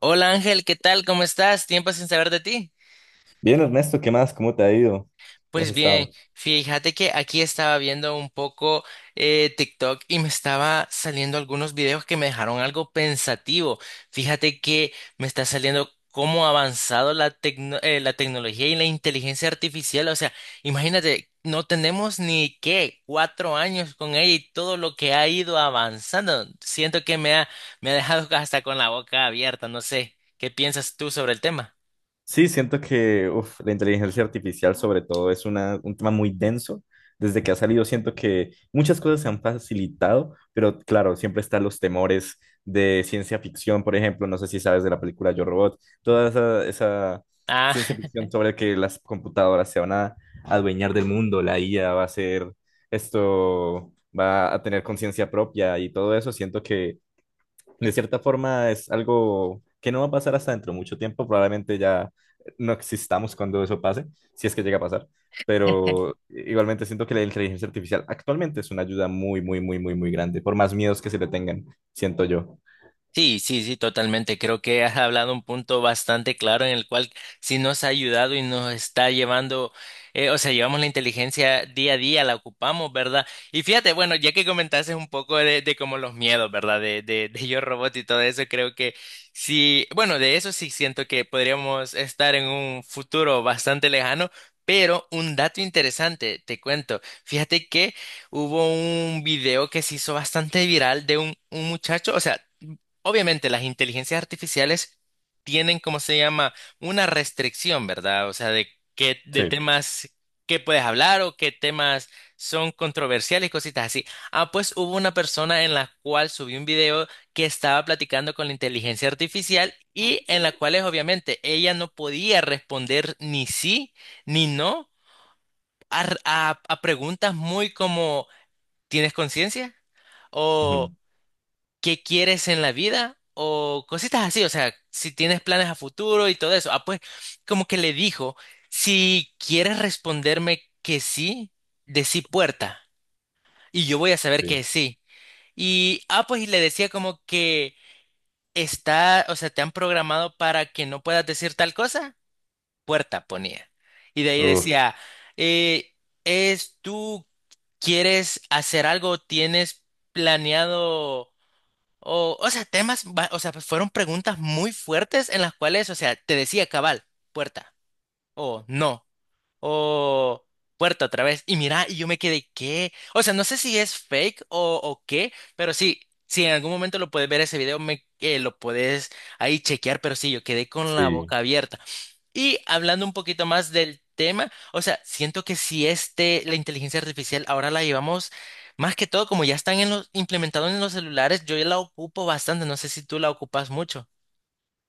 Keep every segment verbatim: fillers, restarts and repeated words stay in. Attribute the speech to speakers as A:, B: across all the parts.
A: Hola Ángel, ¿qué tal? ¿Cómo estás? Tiempo sin saber de ti.
B: Bien, Ernesto, ¿qué más? ¿Cómo te ha ido? ¿Cómo has
A: Pues bien,
B: estado?
A: fíjate que aquí estaba viendo un poco eh, TikTok y me estaba saliendo algunos videos que me dejaron algo pensativo. Fíjate que me está saliendo cómo ha avanzado la tecno- eh, la tecnología y la inteligencia artificial. O sea, imagínate, no tenemos ni qué, cuatro años con ella y todo lo que ha ido avanzando. Siento que me ha, me ha dejado hasta con la boca abierta. No sé, ¿qué piensas tú sobre el tema?
B: Sí, siento que uf, la inteligencia artificial sobre todo es una, un tema muy denso. Desde que ha salido siento que muchas cosas se han facilitado, pero claro, siempre están los temores de ciencia ficción, por ejemplo, no sé si sabes de la película Yo Robot, toda esa, esa
A: Ah,
B: ciencia ficción sobre que las computadoras se van a adueñar del mundo, la I A va a ser esto, va a tener conciencia propia y todo eso. Siento que de cierta forma es algo que no va a pasar hasta dentro de mucho tiempo, probablemente ya no existamos cuando eso pase, si es que llega a pasar, pero igualmente siento que la inteligencia artificial actualmente es una ayuda muy, muy, muy, muy, muy grande, por más miedos que se le tengan, siento yo.
A: Sí, sí, sí, totalmente. Creo que has hablado un punto bastante claro en el cual sí nos ha ayudado y nos está llevando, eh, o sea, llevamos la inteligencia día a día, la ocupamos, ¿verdad? Y fíjate, bueno, ya que comentaste un poco de, de como los miedos, ¿verdad? De, de, de Yo Robot y todo eso, creo que sí, bueno, de eso sí siento que podríamos estar en un futuro bastante lejano. Pero un dato interesante, te cuento. Fíjate que hubo un video que se hizo bastante viral de un, un muchacho, o sea, obviamente las inteligencias artificiales tienen, como se llama, una restricción, ¿verdad? O sea, de qué, de
B: Sí.
A: temas que puedes hablar o qué temas son controversiales y cositas así. Ah, pues hubo una persona en la cual subí un video que estaba platicando con la inteligencia artificial y en la cual es, obviamente, ella no podía responder ni sí ni no a, a a preguntas muy como ¿tienes conciencia?
B: Ujú.
A: O qué quieres en la vida o cositas así, o sea, si tienes planes a futuro y todo eso. Ah, pues como que le dijo, si quieres responderme que sí, decí puerta y yo voy a saber
B: Sí.
A: que sí. Y, ah, pues y le decía como que está, o sea, te han programado para que no puedas decir tal cosa, puerta ponía. Y de ahí
B: Uf,
A: decía, eh, es tú, ¿quieres hacer algo? ¿Tienes planeado? O, o sea, temas, ba- o sea, pues, fueron preguntas muy fuertes en las cuales, o sea, te decía cabal, puerta, o no, o puerta otra vez, y mira, y yo me quedé, ¿qué? O sea, no sé si es fake o, o qué, pero sí, si en algún momento lo puedes ver ese video, me, eh, lo puedes ahí chequear, pero sí, yo quedé con la
B: sí.
A: boca abierta. Y hablando un poquito más del tema, o sea, siento que si este, la inteligencia artificial ahora la llevamos más que todo, como ya están en los, implementados en los celulares, yo ya la ocupo bastante, no sé si tú la ocupas mucho.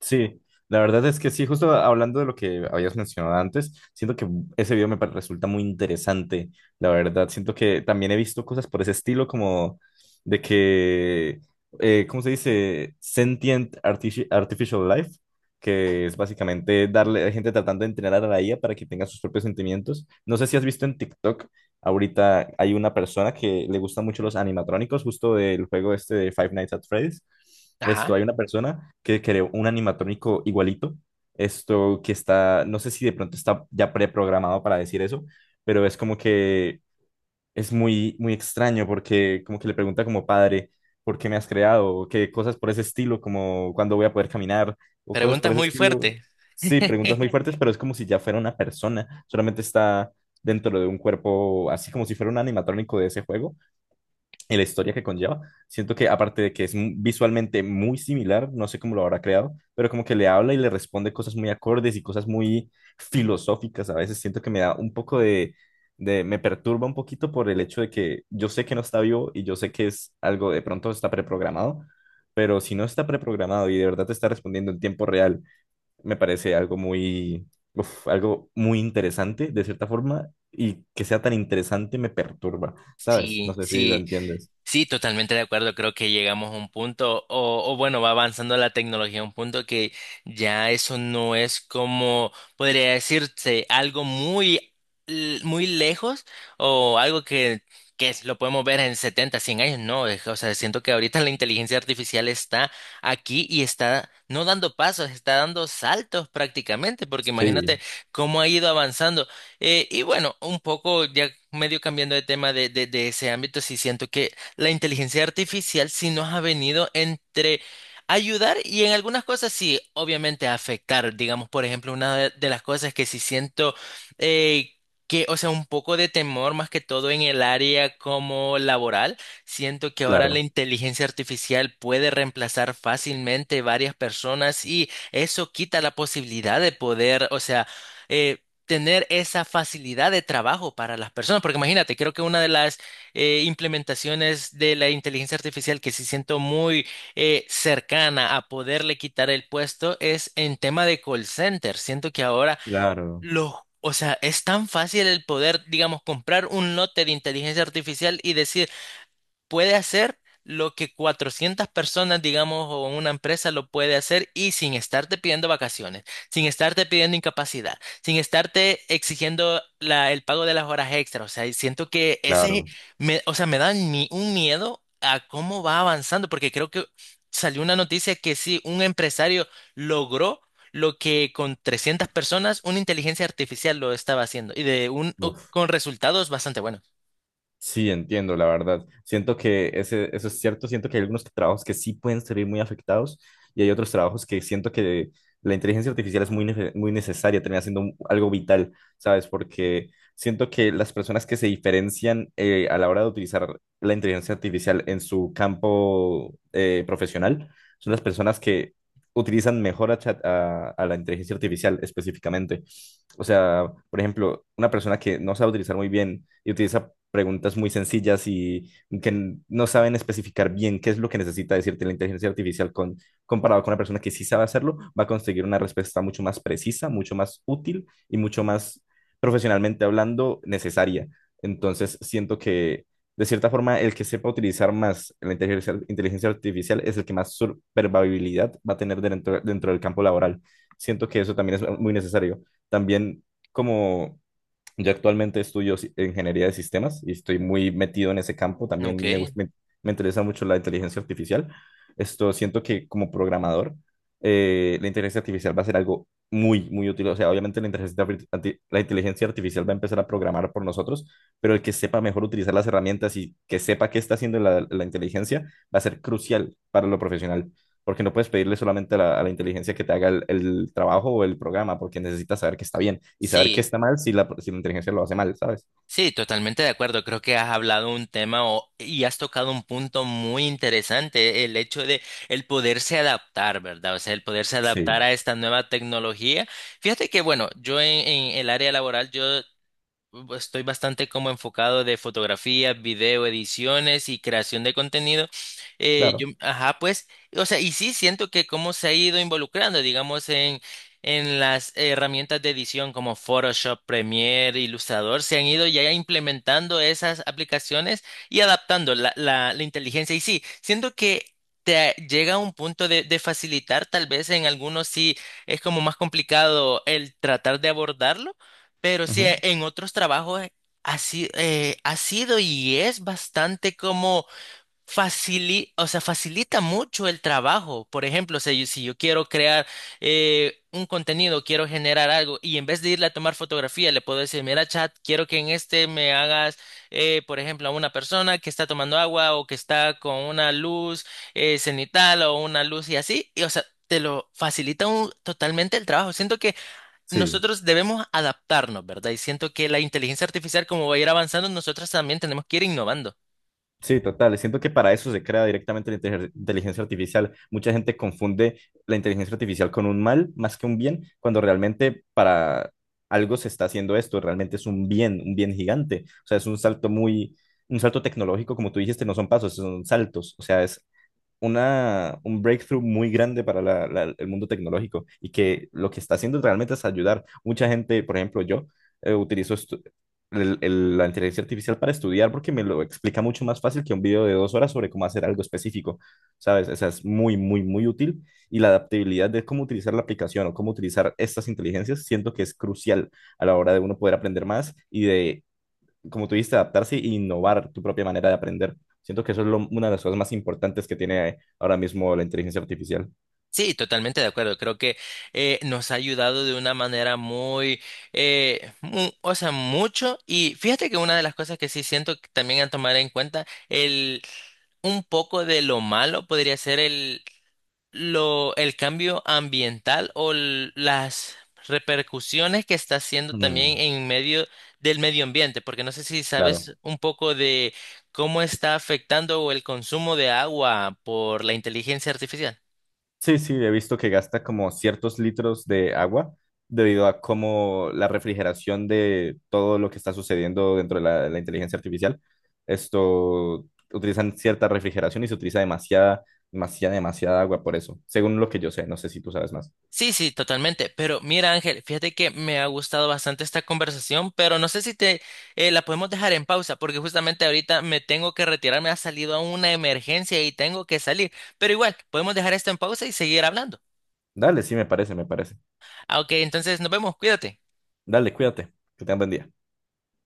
B: Sí, la verdad es que sí, justo hablando de lo que habías mencionado antes, siento que ese video me pa- resulta muy interesante, la verdad. Siento que también he visto cosas por ese estilo, como de que, eh, ¿cómo se dice? Sentient artifi- Artificial Life, que es básicamente darle a gente tratando de entrenar a la I A para que tenga sus propios sentimientos. No sé si has visto en TikTok. Ahorita hay una persona que le gustan mucho los animatrónicos, justo del juego este de Five Nights at Freddy's. Esto,
A: Ajá.
B: hay una persona que creó un animatrónico igualito. Esto que está, no sé si de pronto está ya preprogramado para decir eso, pero es como que es muy, muy extraño porque como que le pregunta como padre: ¿por qué me has creado? O qué cosas por ese estilo, como cuándo voy a poder caminar, o cosas por
A: Preguntas
B: ese
A: muy
B: estilo.
A: fuertes.
B: Sí, preguntas muy fuertes, pero es como si ya fuera una persona, solamente está dentro de un cuerpo, así como si fuera un animatrónico de ese juego, en la historia que conlleva. Siento que aparte de que es mu- visualmente muy similar, no sé cómo lo habrá creado, pero como que le habla y le responde cosas muy acordes y cosas muy filosóficas. A veces siento que me da un poco de, de, me perturba un poquito por el hecho de que yo sé que no está vivo y yo sé que es algo de pronto está preprogramado, pero si no está preprogramado y de verdad te está respondiendo en tiempo real, me parece algo muy, uf, algo muy interesante de cierta forma. Y que sea tan interesante me perturba, ¿sabes? No
A: Sí,
B: sé si lo
A: sí.
B: entiendes.
A: Sí, totalmente de acuerdo. Creo que llegamos a un punto, o, o bueno, va avanzando la tecnología a un punto que ya eso no es como, podría decirse, algo muy, l- muy lejos o algo que, que es- lo podemos ver en setenta, cien años. No, es- o sea, siento que ahorita la inteligencia artificial está aquí y está no dando pasos, está dando saltos prácticamente, porque imagínate
B: Sí,
A: cómo ha ido avanzando. Eh, y bueno, un poco ya medio cambiando de tema de, de, de ese ámbito, sí siento que la inteligencia artificial sí nos ha venido entre ayudar y en algunas cosas sí, obviamente afectar. Digamos, por ejemplo, una de de las cosas que sí siento eh, que, o sea, un poco de temor más que todo en el área como laboral. Siento que ahora la
B: claro,
A: inteligencia artificial puede reemplazar fácilmente varias personas y eso quita la posibilidad de poder, o sea, eh, tener esa facilidad de trabajo para las personas, porque imagínate, creo que una de las eh, implementaciones de la inteligencia artificial que sí siento muy eh, cercana a poderle quitar el puesto es en tema de call center. Siento que ahora
B: claro,
A: los, o sea, es tan fácil el poder, digamos, comprar un lote de inteligencia artificial y decir puede hacer lo que cuatrocientas personas, digamos, o una empresa lo puede hacer y sin estarte pidiendo vacaciones, sin estarte pidiendo incapacidad, sin estarte exigiendo la- el pago de las horas extra. O sea, y siento que ese,
B: claro.
A: me, o sea, me da ni- un miedo a cómo va avanzando, porque creo que salió una noticia que sí, un empresario logró lo que con trescientas personas una inteligencia artificial lo estaba haciendo y de un, o-
B: Uf.
A: con resultados bastante buenos.
B: Sí, entiendo, la verdad. Siento que ese, eso es cierto. Siento que hay algunos trabajos que sí pueden salir muy afectados y hay otros trabajos que siento que la inteligencia artificial es muy, nece- muy necesaria, termina siendo un- algo vital, ¿sabes? Porque siento que las personas que se diferencian eh, a la hora de utilizar la inteligencia artificial en su campo eh, profesional son las personas que utilizan mejor a, chat- a a la inteligencia artificial específicamente. O sea, por ejemplo, una persona que no sabe utilizar muy bien y utiliza preguntas muy sencillas y que no saben especificar bien qué es lo que necesita decirte la inteligencia artificial con, comparado con una persona que sí sabe hacerlo, va a conseguir una respuesta mucho más precisa, mucho más útil y mucho más profesionalmente hablando necesaria. Entonces, siento que de cierta forma el que sepa utilizar más la inteligencia, inteligencia artificial es el que más supervivibilidad va a tener dentro, dentro del campo laboral. Siento que eso también es muy necesario. También como yo actualmente estudio si- ingeniería de sistemas y estoy muy metido en ese campo.
A: Ok,
B: También me gusta, me, me interesa mucho la inteligencia artificial. Esto siento que como programador, eh, la inteligencia artificial va a ser algo muy, muy útil. O sea, obviamente la inteligencia, arti- arti- la inteligencia artificial va a empezar a programar por nosotros, pero el que sepa mejor utilizar las herramientas y que sepa qué está haciendo la, la inteligencia va a ser crucial para lo profesional, porque no puedes pedirle solamente a la, a la inteligencia que te haga el, el trabajo o el programa, porque necesitas saber que está bien y saber que
A: sí.
B: está mal si la, si la inteligencia lo hace mal, ¿sabes?
A: Sí, totalmente de acuerdo. Creo que has hablado un tema o- y has tocado un punto muy interesante, el hecho de el poderse adaptar, ¿verdad? O sea, el poderse adaptar
B: Sí.
A: a esta nueva tecnología. Fíjate que, bueno, yo en, en el área laboral, yo estoy bastante como enfocado de fotografía, video, ediciones y creación de contenido. Eh, yo,
B: Claro.
A: ajá, pues, o sea, y sí siento que cómo se ha ido involucrando, digamos, en, en las herramientas de edición como Photoshop, Premiere, Illustrator, se han ido ya implementando esas aplicaciones y adaptando la, la, la inteligencia. Y sí, siento que... Te llega a un punto de, de facilitar, tal vez en algunos sí es como más complicado el tratar de abordarlo, pero sí,
B: Ujú.
A: eh, en otros trabajos eh, ha, si- eh, ha sido y es bastante como facili- o sea, facilita mucho el trabajo. Por ejemplo, si yo, si yo, quiero crear eh, un contenido, quiero generar algo y en vez de irle a tomar fotografía, le puedo decir, mira, chat, quiero que en este me hagas, eh, por ejemplo, a una persona que está tomando agua o que está con una luz eh, cenital o una luz y así. Y, o sea, te lo facilita un- totalmente el trabajo. Siento que
B: Sí.
A: nosotros debemos adaptarnos, ¿verdad? Y siento que la inteligencia artificial, como va a ir avanzando, nosotros también tenemos que ir innovando.
B: Sí, total. Siento que para eso se crea directamente la inte- inteligencia artificial. Mucha gente confunde la inteligencia artificial con un mal más que un bien, cuando realmente para algo se está haciendo esto, realmente es un bien, un bien gigante. O sea, es un salto muy, un salto tecnológico, como tú dijiste, no son pasos, son saltos. O sea, es una, un breakthrough muy grande para la- la- el mundo tecnológico y que lo que está haciendo realmente es ayudar. Mucha gente, por ejemplo, yo eh, utilizo estu- el- el- la inteligencia artificial para estudiar porque me lo explica mucho más fácil que un video de dos horas sobre cómo hacer algo específico, ¿sabes? O sea, es muy, muy, muy útil y la adaptabilidad de cómo utilizar la aplicación o cómo utilizar estas inteligencias siento que es crucial a la hora de uno poder aprender más y de, como tú dijiste, adaptarse e innovar tu propia manera de aprender. Siento que eso es lo- una de las cosas más importantes que tiene ahora mismo la inteligencia artificial.
A: Sí, totalmente de acuerdo. Creo que eh, nos ha ayudado de una manera muy, eh, mu- o sea, mucho. Y fíjate que una de las cosas que sí siento que también a tomar en cuenta, el, un poco de lo malo podría ser lo, el cambio ambiental o l- las repercusiones que está haciendo también
B: Mm,
A: en medio del medio ambiente, porque no sé si
B: claro.
A: sabes un poco de cómo está afectando el consumo de agua por la inteligencia artificial.
B: Sí, sí, he visto que gasta como ciertos litros de agua debido a cómo la refrigeración de todo lo que está sucediendo dentro de la, la inteligencia artificial. Esto utilizan cierta refrigeración y se utiliza demasiada, demasiada, demasiada agua por eso, según lo que yo sé. No sé si tú sabes más.
A: Sí, sí, totalmente. Pero mira, Ángel, fíjate que me ha gustado bastante esta conversación, pero no sé si te eh, la podemos dejar en pausa, porque justamente ahorita me tengo que retirar, me ha salido una emergencia y tengo que salir. Pero igual, podemos dejar esto en pausa y seguir hablando.
B: Dale, sí, me parece, me parece.
A: Ah, ok, entonces nos vemos, cuídate.
B: Dale, cuídate, que tengas buen día.